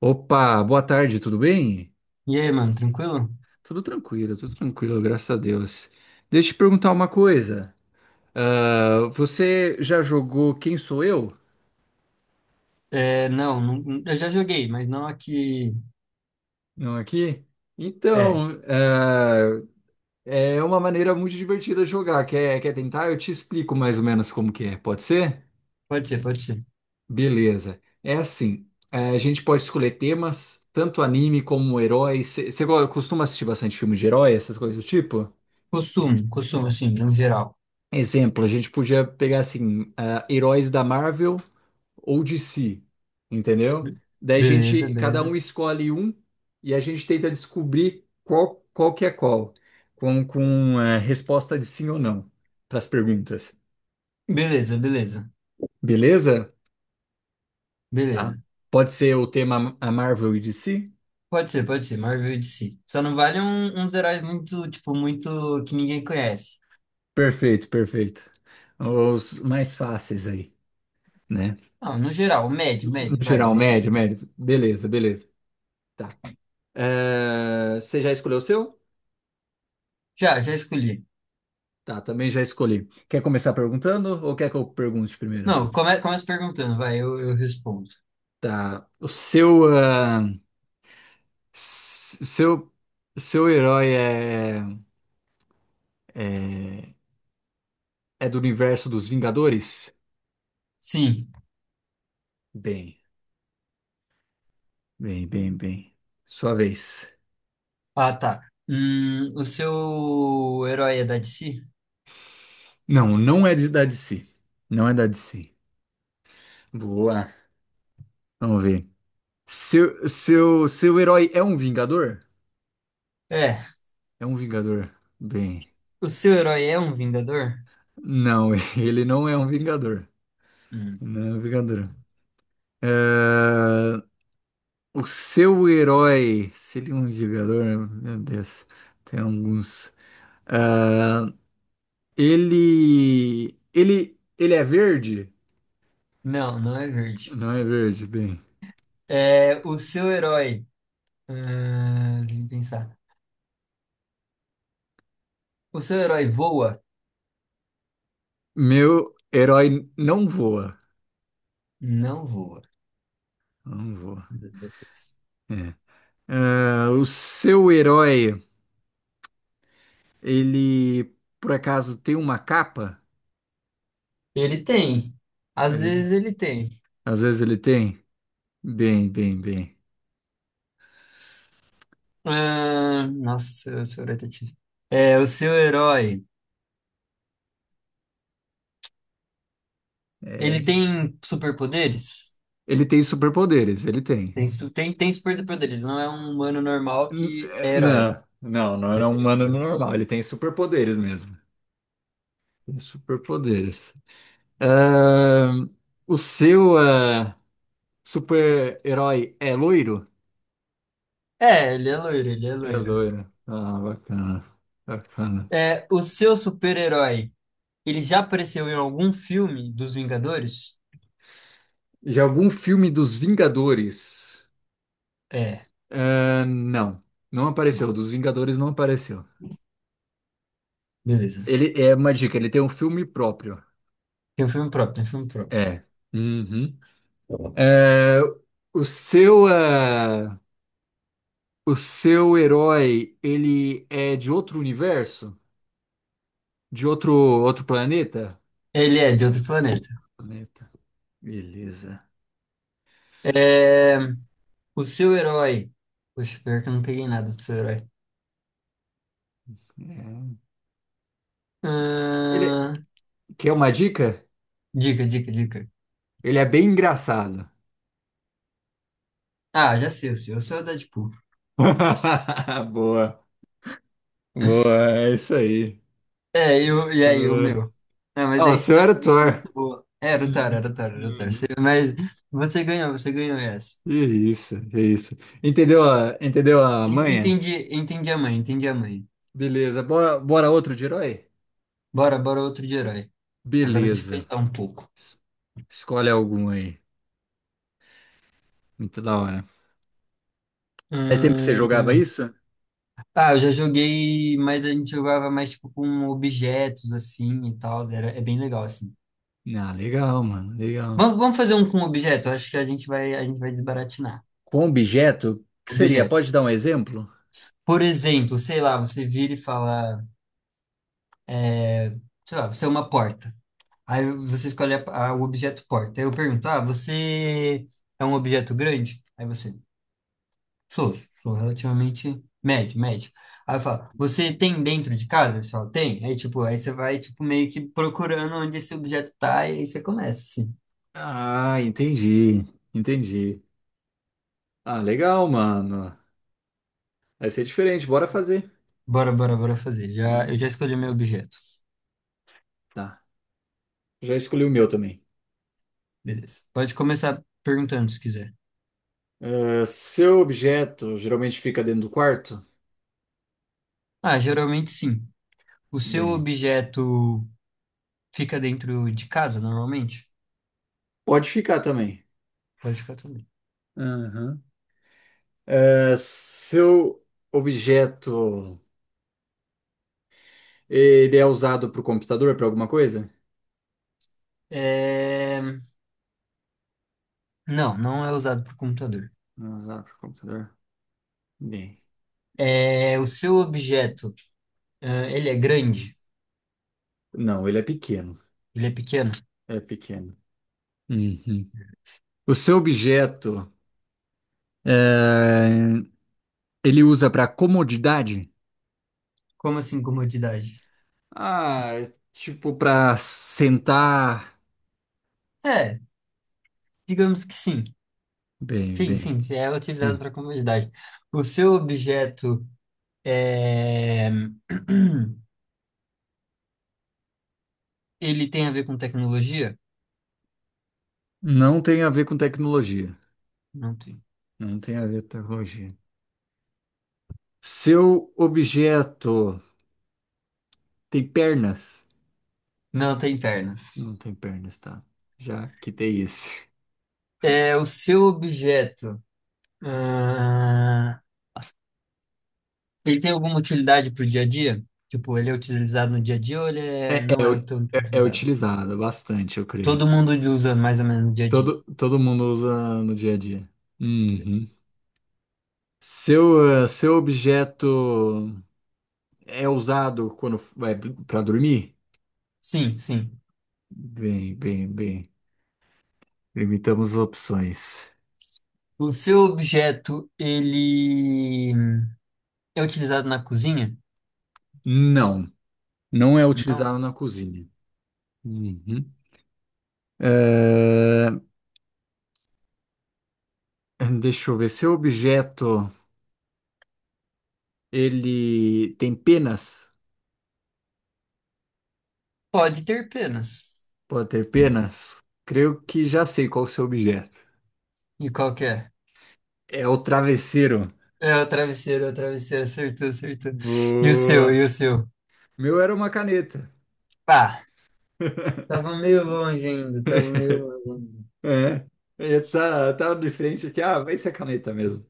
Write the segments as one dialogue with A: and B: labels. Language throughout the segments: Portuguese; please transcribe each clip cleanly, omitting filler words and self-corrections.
A: Opa, boa tarde, tudo bem?
B: E aí, mano, tranquilo?
A: Tudo tranquilo, graças a Deus. Deixa eu te perguntar uma coisa. Você já jogou Quem Sou Eu?
B: Não, eu já joguei, mas não aqui.
A: Não aqui?
B: É,
A: Então, é uma maneira muito divertida de jogar. Quer tentar? Eu te explico mais ou menos como que é, pode ser?
B: Pode ser, pode ser.
A: Beleza. É assim, a gente pode escolher temas, tanto anime como heróis. Você costuma assistir bastante filme de herói, essas coisas do tipo?
B: Costume, assim, no geral.
A: Exemplo, a gente podia pegar assim, heróis da Marvel ou DC, entendeu?
B: Be-
A: Daí a
B: Beleza,
A: gente, cada um
B: beleza.
A: escolhe um e a gente tenta descobrir qual, qual que é qual, com resposta de sim ou não para as perguntas.
B: Beleza, beleza,
A: Beleza? Tá.
B: beleza.
A: Pode ser o tema a Marvel e DC?
B: Pode ser, Marvel e DC. Só não vale uns heróis muito, tipo, muito que ninguém conhece.
A: Perfeito, perfeito. Os mais fáceis aí, né?
B: Não, no geral, médio,
A: No
B: médio, vai,
A: geral,
B: médio.
A: médio, médio. Beleza, beleza. Tá. Você já escolheu o seu?
B: Já escolhi.
A: Tá, também já escolhi. Quer começar perguntando ou quer que eu pergunte primeiro?
B: Não, começa perguntando, vai, eu respondo.
A: Tá. O seu, s- seu, seu herói é, é do universo dos Vingadores?
B: Sim.
A: Bem, bem, bem, bem. Sua vez.
B: Ah, tá. O seu herói é da DC?
A: Não, da DC. Não é da DC. Boa. Vamos ver. Seu herói é um Vingador?
B: É.
A: É um Vingador. Bem,
B: O seu herói é um Vingador?
A: não, ele não é um Vingador.
B: Hum.
A: Não é um Vingador. É, o seu herói seria um jogador? Meu Deus, tem alguns. Ah, ele é verde?
B: Não, não é verde.
A: Não é verde, bem.
B: É, o seu herói. Ah, deixa eu pensar. O seu herói voa?
A: Meu herói não voa.
B: Não voa.
A: Não voa. É. Ah, o seu herói, ele por acaso tem uma capa?
B: Ele tem. Às
A: Ele-
B: vezes ele tem.
A: às vezes ele tem. Bem, bem, bem.
B: Ah, nossa, o seu herói tá difícil. É, o seu herói.
A: É,
B: Ele tem superpoderes?
A: ele tem superpoderes, ele tem.
B: Tem, tem, tem superpoderes, não é um humano normal que é herói.
A: Não, não era um humano normal. Ele tem superpoderes mesmo. Tem superpoderes. Ahn, o seu ah, Super-herói é loiro?
B: É, ele é loiro, ele é
A: É
B: loiro.
A: loiro. Ah, bacana. Bacana.
B: É, o seu super-herói. Ele já apareceu em algum filme dos Vingadores?
A: De algum filme dos Vingadores?
B: É,
A: Ahn, não, não
B: não.
A: apareceu. Dos Vingadores não apareceu.
B: Beleza.
A: Ele é uma dica, ele tem um filme próprio.
B: Tem um filme próprio, tem um filme próprio.
A: É. Uhum. É, o seu. eh, O seu herói, ele é de outro universo? De outro planeta?
B: Ele é de outro planeta.
A: Planeta. Beleza.
B: É, o seu herói. Poxa, pior que eu não peguei nada do seu herói.
A: É. Ele
B: Ahn,
A: quer uma dica?
B: Dica, dica, dica.
A: Ele é bem engraçado.
B: Ah, já sei o seu. O seu é o Deadpool.
A: Boa, boa, é isso aí.
B: É, eu, e aí, o
A: Uhum.
B: meu? Ah, mas
A: Ah, o
B: aí você
A: seu
B: deu
A: era o
B: uma dica
A: Thor.
B: muito boa. É, era o Taro,
A: Uhum.
B: era o Taro, era o Taro. Você-
A: Uhum.
B: Mas você ganhou essa.
A: Que isso, que isso. Entendeu entendeu a manha?
B: Entendi, entendi a mãe, entendi a mãe.
A: Beleza. Bora, bora outro de herói?
B: Bora, bora outro de herói. Agora deixa eu
A: Beleza.
B: pensar um pouco.
A: Es- Escolhe algum aí. Muito da hora. Mas sempre que você jogava
B: Hum,
A: isso?
B: Ah, eu já joguei, mas a gente jogava mais tipo com objetos assim e tal. Era... É bem legal assim.
A: Ah, legal, mano, legal.
B: Vamos, vamos fazer um com objeto. Eu acho que a gente vai desbaratinar.
A: Com objeto? O que seria?
B: Objeto.
A: Pode dar um exemplo?
B: Por exemplo, sei lá, você vira e fala, é, sei lá, você é uma porta. Aí você escolhe o objeto porta. Aí eu pergunto, ah, você é um objeto grande? Aí você, sou, sou relativamente médio, médio. Aí eu falo, você tem dentro de casa? Só tem? Aí, tipo, aí você vai, tipo, meio que procurando onde esse objeto tá, e aí você começa, assim.
A: Ah, entendi, entendi. Ah, legal, mano. Vai ser diferente, bora fazer.
B: Bora, bora, bora fazer.
A: Mano,
B: Eu já escolhi meu objeto.
A: tá. Já escolhi o meu também.
B: Beleza. Pode começar perguntando se quiser.
A: Ah, seu objeto geralmente fica dentro do quarto?
B: Ah, geralmente sim. O seu
A: Bem,
B: objeto fica dentro de casa, normalmente?
A: pode ficar também.
B: Pode ficar também.
A: Aham. Ah, seu objeto, ele é usado para o computador, para alguma coisa
B: É... Não, não é usado por computador.
A: Não é usado para o computador. Bem,
B: É... O seu objeto, ah, ele é grande?
A: não, ele é pequeno.
B: Ele é pequeno?
A: É pequeno. Uhum. O seu objeto, é, ele usa para comodidade?
B: Como assim comodidade?
A: Ah, é tipo para sentar.
B: É, digamos que sim.
A: Bem,
B: Sim,
A: bem.
B: sim, é utilizado
A: Hum.
B: para comodidade. O seu objeto é... ele tem a ver com tecnologia?
A: Não tem a ver com tecnologia.
B: Não tem.
A: Não tem a ver com tecnologia. Seu objeto tem pernas?
B: Não tem pernas.
A: Não tem pernas, tá? Já quitei esse.
B: É, o seu objeto. Ah, ele tem alguma utilidade pro dia a dia? Tipo, ele é utilizado no dia a dia ou ele é... não
A: É, u-
B: é tão
A: é
B: utilizado?
A: utilizado bastante, eu creio.
B: Todo mundo usa mais ou menos no dia a dia.
A: Todo mundo usa no dia a dia. Uhum. Seu, seu objeto é usado quando vai para dormir?
B: Sim, sim.
A: Bem, bem, bem. Limitamos as opções.
B: O seu objeto, ele é utilizado na cozinha?
A: Não, não é
B: Não.
A: utilizado na cozinha. Uhum. Eh, deixa eu ver. Seu objeto, ele tem penas?
B: Pode ter penas.
A: Pode ter penas? Creio que já sei qual é o seu objeto.
B: E qual que é?
A: É o travesseiro.
B: É o travesseiro, acertou, acertou. E o seu,
A: Boa.
B: e o seu?
A: Meu era uma caneta.
B: Pá, tava meio longe ainda, tava meio longe ainda.
A: É. Tá de frente aqui, ah, vai ser a caneta mesmo.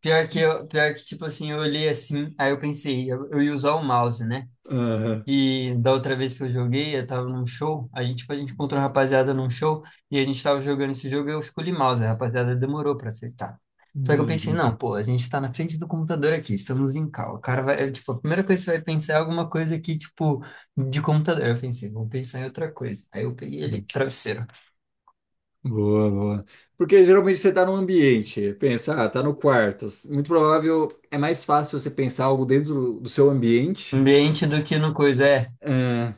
B: Pior que, eu, pior que, tipo assim, eu olhei assim, aí eu pensei, eu ia usar o mouse, né?
A: Aham.
B: E da outra vez que eu joguei, eu tava num show. A gente, tipo, a gente encontrou a rapaziada num show e a gente tava jogando esse jogo e eu escolhi mouse. A rapaziada demorou pra aceitar. Só que eu pensei,
A: Uhum.
B: não, pô, a gente tá na frente do computador aqui, estamos em call. O cara vai, é, tipo, a primeira coisa que você vai pensar é alguma coisa aqui, tipo, de computador. Eu pensei, vou pensar em outra coisa. Aí eu peguei ele, travesseiro.
A: Boa, boa. Porque geralmente você tá no ambiente, pensa, ah, tá no quarto. Muito provável, é mais fácil você pensar algo dentro do seu ambiente.
B: Ambiente do que no coisa, é.
A: É,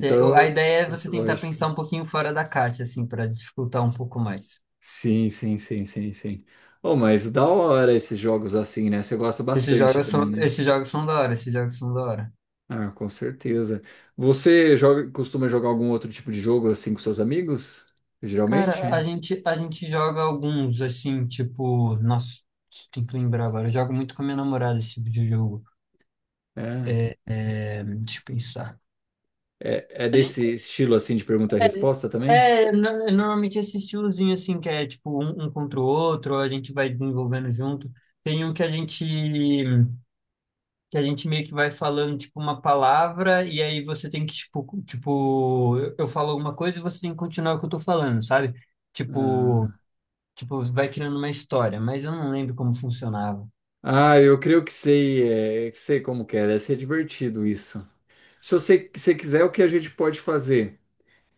B: É, a ideia é você
A: essa
B: tentar
A: lógica.
B: pensar um pouquinho fora da caixa, assim, pra dificultar um pouco mais.
A: Sim, sim, sim, sim, sim. Oh, mas da hora esses jogos assim, né? Você gosta bastante também, né?
B: Esses jogos são da hora, esses jogos são da hora.
A: Ah, com certeza. Costuma jogar algum outro tipo de jogo assim com seus amigos? Geralmente?
B: Cara, a gente joga alguns, assim, tipo, nossa, tem que lembrar agora. Eu jogo muito com a minha namorada esse tipo de jogo.
A: É,
B: É, é, deixa eu pensar.
A: é
B: A gente,
A: desse estilo assim de pergunta e resposta também?
B: é, é, normalmente esse estilozinho, assim, que é tipo um, um contra o outro, a gente vai desenvolvendo junto. Tem um que a gente meio que vai falando, tipo, uma palavra, e aí você tem que, tipo, tipo, eu falo alguma coisa e você tem que continuar o que eu tô falando, sabe? Tipo.
A: Ah,
B: Tipo, vai criando uma história, mas eu não lembro como funcionava.
A: eu creio que sei, que sei como que é, deve ser divertido isso. Se você, se quiser, o que a gente pode fazer?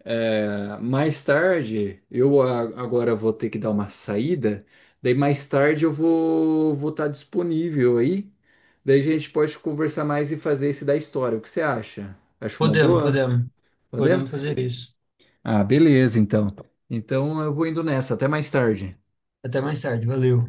A: É, mais tarde, agora vou ter que dar uma saída, daí mais tarde eu vou estar disponível aí, daí a gente pode conversar mais e fazer esse da história. O que você acha? Acho uma
B: Podemos,
A: boa?
B: podemos.
A: Podemos?
B: Podemos fazer isso.
A: Ah, beleza, então. Então eu vou indo nessa, até mais tarde.
B: Até mais tarde, valeu.